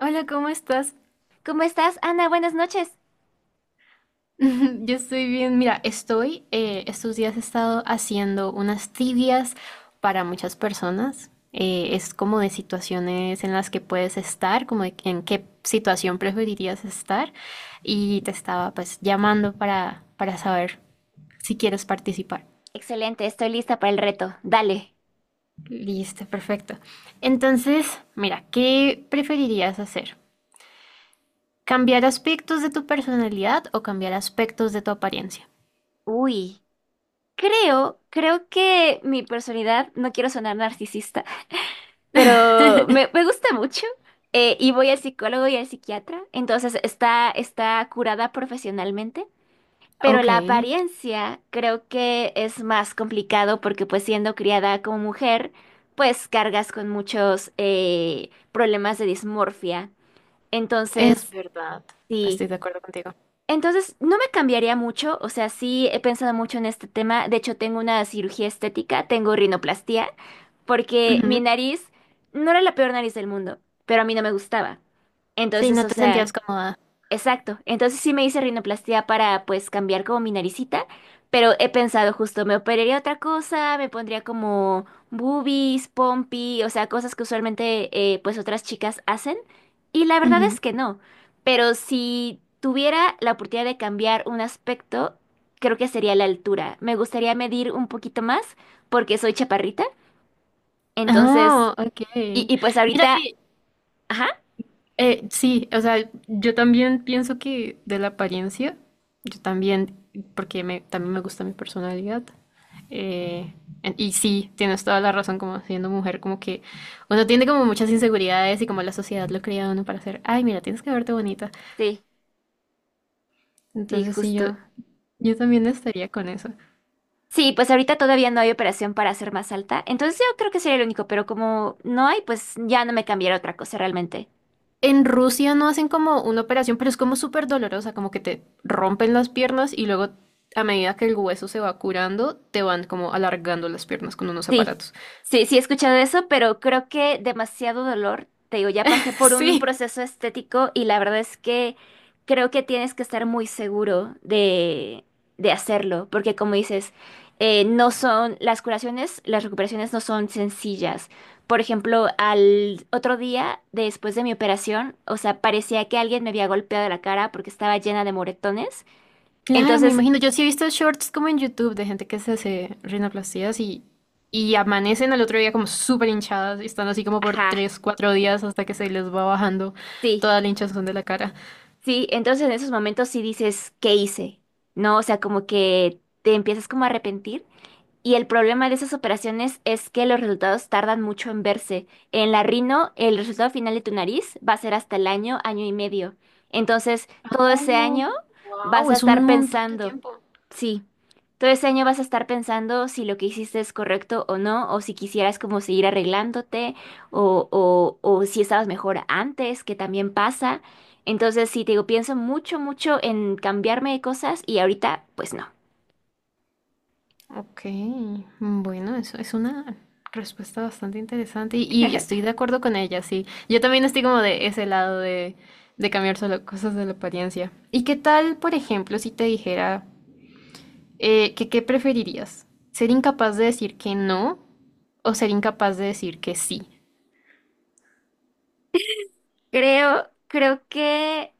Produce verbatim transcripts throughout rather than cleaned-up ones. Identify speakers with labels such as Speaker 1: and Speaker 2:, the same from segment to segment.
Speaker 1: Hola, ¿cómo estás?
Speaker 2: ¿Cómo estás, Ana? Buenas noches.
Speaker 1: Yo estoy bien. Mira, estoy, eh, estos días he estado haciendo unas tibias para muchas personas. Eh, es como de situaciones en las que puedes estar, como de en qué situación preferirías estar. Y te estaba pues llamando para, para saber si quieres participar.
Speaker 2: Excelente, estoy lista para el reto. Dale.
Speaker 1: Listo, perfecto. Entonces, mira, ¿qué preferirías hacer? ¿Cambiar aspectos de tu personalidad o cambiar aspectos de tu apariencia?
Speaker 2: Uy, creo, creo que mi personalidad, no quiero sonar narcisista, pero me, me gusta mucho eh, y voy al psicólogo y al psiquiatra, entonces está, está curada profesionalmente, pero
Speaker 1: Ok.
Speaker 2: la apariencia creo que es más complicado porque pues siendo criada como mujer, pues cargas con muchos eh, problemas de dismorfia.
Speaker 1: Es
Speaker 2: Entonces,
Speaker 1: verdad,
Speaker 2: sí.
Speaker 1: estoy de acuerdo contigo.
Speaker 2: Entonces, no me cambiaría mucho, o sea, sí he pensado mucho en este tema, de hecho tengo una cirugía estética, tengo rinoplastia porque mi
Speaker 1: Ujú.
Speaker 2: nariz no era la peor nariz del mundo, pero a mí no me gustaba.
Speaker 1: Sí,
Speaker 2: Entonces,
Speaker 1: no
Speaker 2: o
Speaker 1: te sentías
Speaker 2: sea,
Speaker 1: cómoda.
Speaker 2: exacto. Entonces sí me hice rinoplastia para pues cambiar como mi naricita, pero he pensado justo, me operaría otra cosa, me pondría como boobies, pompi, o sea, cosas que usualmente eh, pues otras chicas hacen. Y la verdad
Speaker 1: Ujú.
Speaker 2: es que no. Pero si tuviera la oportunidad de cambiar un aspecto, creo que sería la altura. Me gustaría medir un poquito más porque soy chaparrita. Entonces,
Speaker 1: Ah, ok.
Speaker 2: y, y pues
Speaker 1: Mira
Speaker 2: ahorita,
Speaker 1: que,
Speaker 2: ajá,
Speaker 1: eh, sí, o sea, yo también pienso que de la apariencia, yo también, porque me, también me gusta mi personalidad. eh, en- y sí, tienes toda la razón, como siendo mujer, como que uno tiene como muchas inseguridades y como la sociedad lo cría a uno para hacer, ay, mira, tienes que verte bonita.
Speaker 2: sí, sí,
Speaker 1: Entonces sí, yo,
Speaker 2: justo.
Speaker 1: yo también estaría con eso.
Speaker 2: Sí, pues ahorita todavía no hay operación para hacer más alta, entonces yo creo que sería el único, pero como no hay, pues ya no me cambiará otra cosa realmente.
Speaker 1: En Rusia no hacen como una operación, pero es como súper dolorosa, como que te rompen las piernas y luego a medida que el hueso se va curando, te van como alargando las piernas con unos
Speaker 2: Sí,
Speaker 1: aparatos.
Speaker 2: sí, sí he escuchado eso, pero creo que demasiado dolor. Te digo, ya pasé por un
Speaker 1: Sí,
Speaker 2: proceso estético y la verdad es que creo que tienes que estar muy seguro de, de hacerlo, porque como dices, eh, no son las curaciones, las recuperaciones no son sencillas. Por ejemplo, al otro día después de mi operación, o sea, parecía que alguien me había golpeado la cara porque estaba llena de moretones.
Speaker 1: claro, me
Speaker 2: Entonces,
Speaker 1: imagino. Yo sí he visto shorts como en YouTube de gente que se hace rinoplastías y, y amanecen al otro día como súper hinchadas y están así como por
Speaker 2: ajá.
Speaker 1: tres cuatro días hasta que se les va bajando
Speaker 2: Sí,
Speaker 1: toda la hinchazón de la cara.
Speaker 2: sí, entonces en esos momentos sí dices, ¿qué hice? ¿No? O sea, como que te empiezas como a arrepentir. Y el problema de esas operaciones es que los resultados tardan mucho en verse. En la rino, el resultado final de tu nariz va a ser hasta el año, año y medio. Entonces, todo ese año vas
Speaker 1: Wow,
Speaker 2: a
Speaker 1: es un
Speaker 2: estar
Speaker 1: montón de
Speaker 2: pensando,
Speaker 1: tiempo.
Speaker 2: sí, todo ese año vas a estar pensando si lo que hiciste es correcto o no, o si quisieras como seguir arreglándote, o, o, o si estabas mejor antes, que también pasa. Entonces, sí, te digo, pienso mucho, mucho en cambiarme de cosas y ahorita, pues no.
Speaker 1: Ok, mm, bueno, eso es una respuesta bastante interesante y, y estoy de acuerdo con ella, sí. Yo también estoy como de ese lado de, de cambiar solo cosas de la apariencia. ¿Y qué tal, por ejemplo, si te dijera eh, que qué preferirías? ¿Ser incapaz de decir que no o ser incapaz de decir que sí?
Speaker 2: Creo, creo que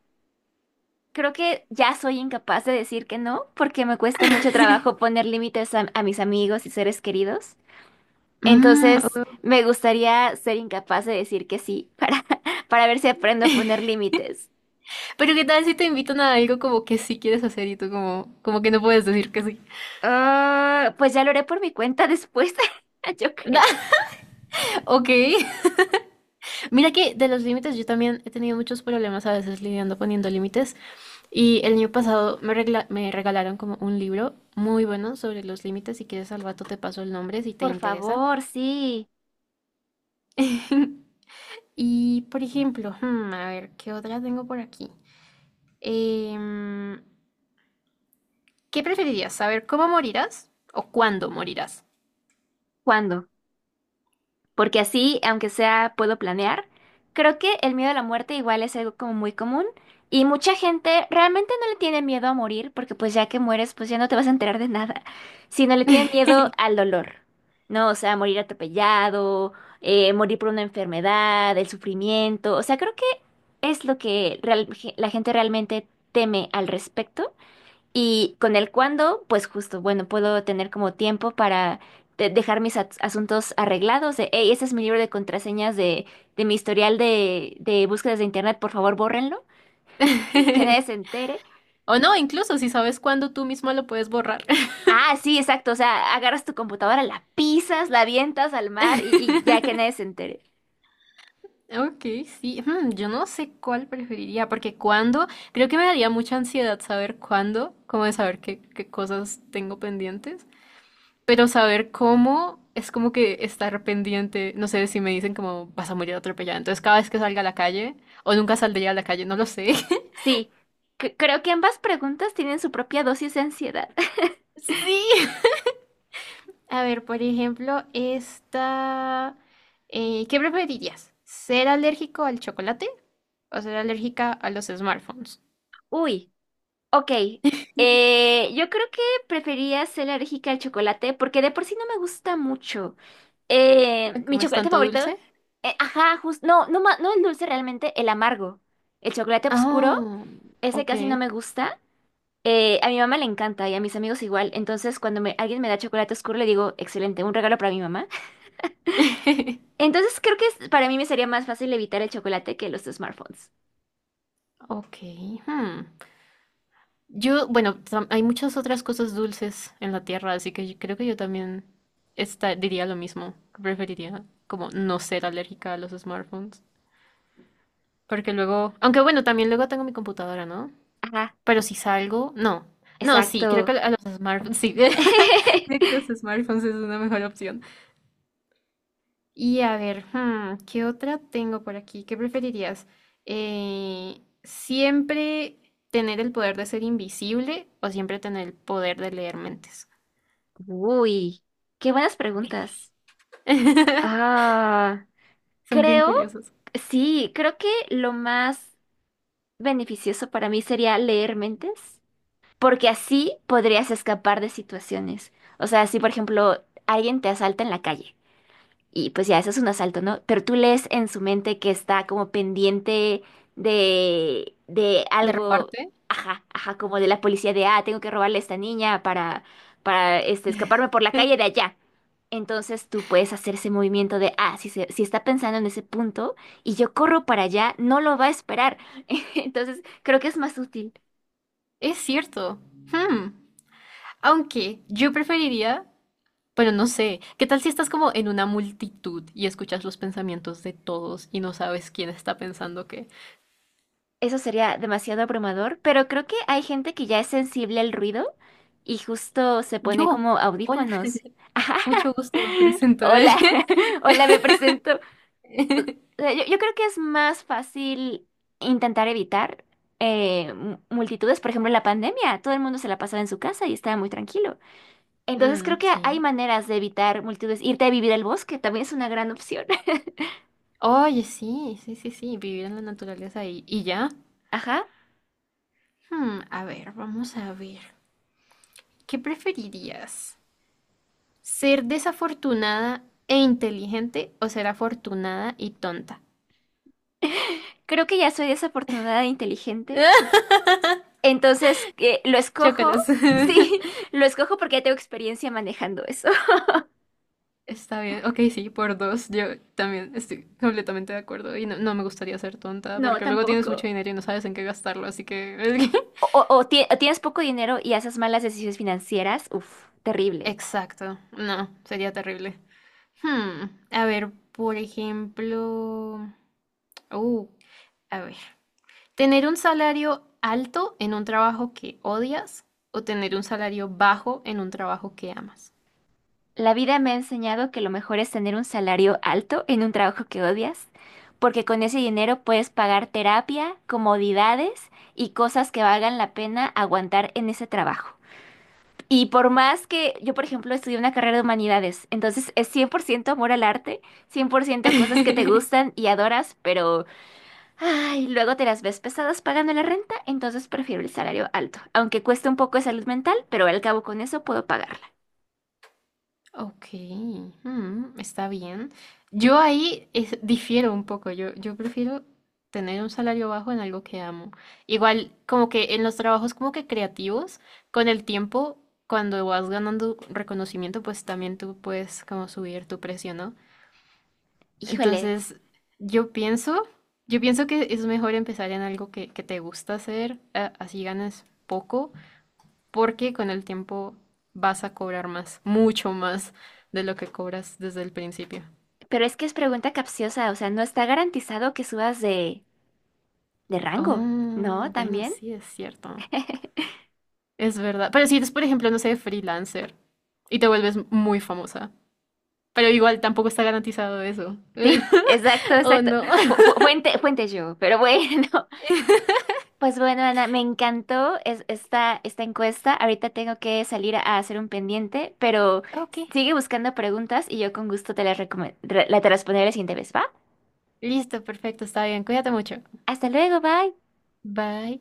Speaker 2: Creo que ya soy incapaz de decir que no, porque me cuesta mucho trabajo poner límites a, a mis amigos y seres queridos.
Speaker 1: Mm,
Speaker 2: Entonces,
Speaker 1: o-
Speaker 2: me gustaría ser incapaz de decir que sí para, para ver si aprendo a poner límites.
Speaker 1: pero qué tal si te invitan a algo como que sí quieres hacer y tú como, como que no puedes decir que sí.
Speaker 2: Ah, pues ya lo haré por mi cuenta después, yo creo.
Speaker 1: Ok. Mira que de los límites yo también he tenido muchos problemas a veces lidiando poniendo límites y el año pasado me, regla- me regalaron como un libro muy bueno sobre los límites. Si quieres al rato te paso el nombre si te
Speaker 2: Por
Speaker 1: interesa.
Speaker 2: favor, sí.
Speaker 1: Y por ejemplo, hmm, a ver, ¿qué otra tengo por aquí? Em, ¿qué preferirías? ¿Saber cómo morirás o cuándo morirás?
Speaker 2: ¿Cuándo? Porque así, aunque sea, puedo planear. Creo que el miedo a la muerte igual es algo como muy común y mucha gente realmente no le tiene miedo a morir porque pues ya que mueres pues ya no te vas a enterar de nada, sino le tienen miedo al dolor, ¿no? O sea, morir atropellado, eh, morir por una enfermedad, el sufrimiento, o sea, creo que es lo que real- la gente realmente teme al respecto. Y con el cuándo, pues justo, bueno, puedo tener como tiempo para de- dejar mis as- asuntos arreglados. De, hey, ese es mi libro de contraseñas de, de mi historial de, de búsquedas de internet, por favor, bórrenlo, que nadie se entere.
Speaker 1: O no, incluso si sabes cuándo tú mismo lo puedes borrar.
Speaker 2: Ah, sí, exacto, o sea, agarras tu computadora, la pisas, la avientas al mar y, y ya que nadie se entere.
Speaker 1: Ok, sí, mm, yo no sé cuál preferiría, porque cuándo, creo que me daría mucha ansiedad saber cuándo, como de saber qué, qué cosas tengo pendientes, pero saber cómo es como que estar pendiente, no sé si me dicen como vas a morir atropellada, entonces cada vez que salga a la calle, o nunca saldría a la calle, no lo sé.
Speaker 2: Sí, c- creo que ambas preguntas tienen su propia dosis de ansiedad.
Speaker 1: Sí. A ver, por ejemplo, esta, eh, ¿qué preferirías? ¿Ser alérgico al chocolate o ser alérgica a los smartphones?
Speaker 2: Uy, ok. Eh, yo creo que prefería ser alérgica al chocolate porque de por sí no me gusta mucho. Eh, mi
Speaker 1: Como es
Speaker 2: chocolate
Speaker 1: tanto
Speaker 2: favorito.
Speaker 1: dulce?
Speaker 2: Eh, ajá, justo. No, no, ma- no el dulce realmente, el amargo. El chocolate oscuro,
Speaker 1: Ah,
Speaker 2: ese
Speaker 1: ok.
Speaker 2: casi no me gusta. Eh, a mi mamá le encanta y a mis amigos igual. Entonces, cuando me- alguien me da chocolate oscuro, le digo, excelente, un regalo para mi mamá. Entonces, creo que es- para mí me sería más fácil evitar el chocolate que los smartphones.
Speaker 1: Ok. Hmm. Yo, bueno, tam- hay muchas otras cosas dulces en la tierra, así que yo creo que yo también esta- diría lo mismo. Preferiría como no ser alérgica a los smartphones. Porque luego, aunque bueno, también luego tengo mi computadora, ¿no?
Speaker 2: Ajá,
Speaker 1: Pero si salgo, no. No, sí, creo que
Speaker 2: exacto.
Speaker 1: a los smartphones, sí. Creo que los smartphones es una mejor opción. Y a ver, hmm, ¿qué otra tengo por aquí? ¿Qué preferirías? Eh, ¿siempre tener el poder de ser invisible o siempre tener el poder de leer mentes?
Speaker 2: Uy, qué buenas preguntas. Ah,
Speaker 1: Son bien
Speaker 2: creo,
Speaker 1: curiosos.
Speaker 2: sí, creo que lo más beneficioso para mí sería leer mentes, porque así podrías escapar de situaciones. O sea, si por ejemplo alguien te asalta en la calle y pues ya eso es un asalto, ¿no? Pero tú lees en su mente que está como pendiente de de
Speaker 1: ¿De
Speaker 2: algo,
Speaker 1: robarte?
Speaker 2: ajá, ajá, como de la policía de, ah, tengo que robarle a esta niña para para este escaparme por la calle de allá. Entonces tú puedes hacer ese movimiento de, ah, si, se- si está pensando en ese punto y yo corro para allá, no lo va a esperar. Entonces creo que es más útil.
Speaker 1: Es cierto. Hmm. Aunque yo preferiría, pero no sé, ¿qué tal si estás como en una multitud y escuchas los pensamientos de todos y no sabes quién está pensando qué?
Speaker 2: Eso sería demasiado abrumador, pero creo que hay gente que ya es sensible al ruido y justo se pone
Speaker 1: Yo.
Speaker 2: como
Speaker 1: Hola.
Speaker 2: audífonos.
Speaker 1: Mucho gusto, me presento.
Speaker 2: Hola, hola, me presento. O sea, Yo, yo creo que es más fácil intentar evitar eh, mu- multitudes. Por ejemplo, en la pandemia, todo el mundo se la pasaba en su casa y estaba muy tranquilo. Entonces creo
Speaker 1: Mm,
Speaker 2: que hay
Speaker 1: sí.
Speaker 2: maneras de evitar multitudes. Irte a vivir al bosque también es una gran opción.
Speaker 1: Oye, sí, sí, sí, sí, vivir en la naturaleza y, y ya.
Speaker 2: Ajá.
Speaker 1: Hmm, a ver, vamos a ver. ¿Qué preferirías? ¿Ser desafortunada e inteligente o ser afortunada y tonta?
Speaker 2: Creo que ya soy desafortunada e inteligente. Entonces, ¿qué? ¿Lo escojo?
Speaker 1: Chócalas.
Speaker 2: Sí, lo escojo porque ya tengo experiencia manejando eso.
Speaker 1: Está bien, ok, sí, por dos. Yo también estoy completamente de acuerdo y no, no me gustaría ser tonta
Speaker 2: No,
Speaker 1: porque luego tienes mucho
Speaker 2: tampoco.
Speaker 1: dinero y no sabes en qué gastarlo, así que...
Speaker 2: O, o- o ti- o tienes poco dinero y haces malas decisiones financieras. Uf, terrible.
Speaker 1: Exacto, no, sería terrible. Hmm, a ver, por ejemplo, uh, a ver, tener un salario alto en un trabajo que odias o tener un salario bajo en un trabajo que amas.
Speaker 2: La vida me ha enseñado que lo mejor es tener un salario alto en un trabajo que odias, porque con ese dinero puedes pagar terapia, comodidades y cosas que valgan la pena aguantar en ese trabajo. Y por más que yo, por ejemplo, estudié una carrera de humanidades, entonces es cien por ciento amor al arte, cien por ciento cosas que te gustan y adoras, pero ay, luego te las ves pesadas pagando la renta, entonces prefiero el salario alto, aunque cueste un poco de salud mental, pero al cabo con eso puedo pagarla.
Speaker 1: Ok, hmm, está bien. Yo ahí es- difiero un poco. Yo, yo prefiero tener un salario bajo en algo que amo. Igual, como que en los trabajos como que creativos, con el tiempo, cuando vas ganando reconocimiento, pues también tú puedes como subir tu precio, ¿no?
Speaker 2: Híjole,
Speaker 1: Entonces, yo pienso, yo pienso que es mejor empezar en algo que, que te gusta hacer, a- así ganas poco, porque con el tiempo vas a cobrar más, mucho más de lo que cobras desde el principio.
Speaker 2: pero es que es pregunta capciosa, o sea, no está garantizado que subas de, de rango, ¿no?
Speaker 1: Oh, bueno,
Speaker 2: ¿También?
Speaker 1: sí, es cierto. Es verdad. Pero si eres, por ejemplo, no sé, freelancer y te vuelves muy famosa, pero igual tampoco está garantizado eso.
Speaker 2: Sí, exacto,
Speaker 1: ¿O
Speaker 2: exacto.
Speaker 1: no?
Speaker 2: Fu- fu- Fuente, fuente yo, pero bueno. Pues bueno, Ana, me encantó es- esta, esta encuesta. Ahorita tengo que salir a hacer un pendiente, pero
Speaker 1: Ok.
Speaker 2: sigue buscando preguntas y yo con gusto te las recome- re- la te responderé la siguiente vez, ¿va?
Speaker 1: Listo, perfecto, está bien. Cuídate mucho.
Speaker 2: Hasta luego, bye.
Speaker 1: Bye.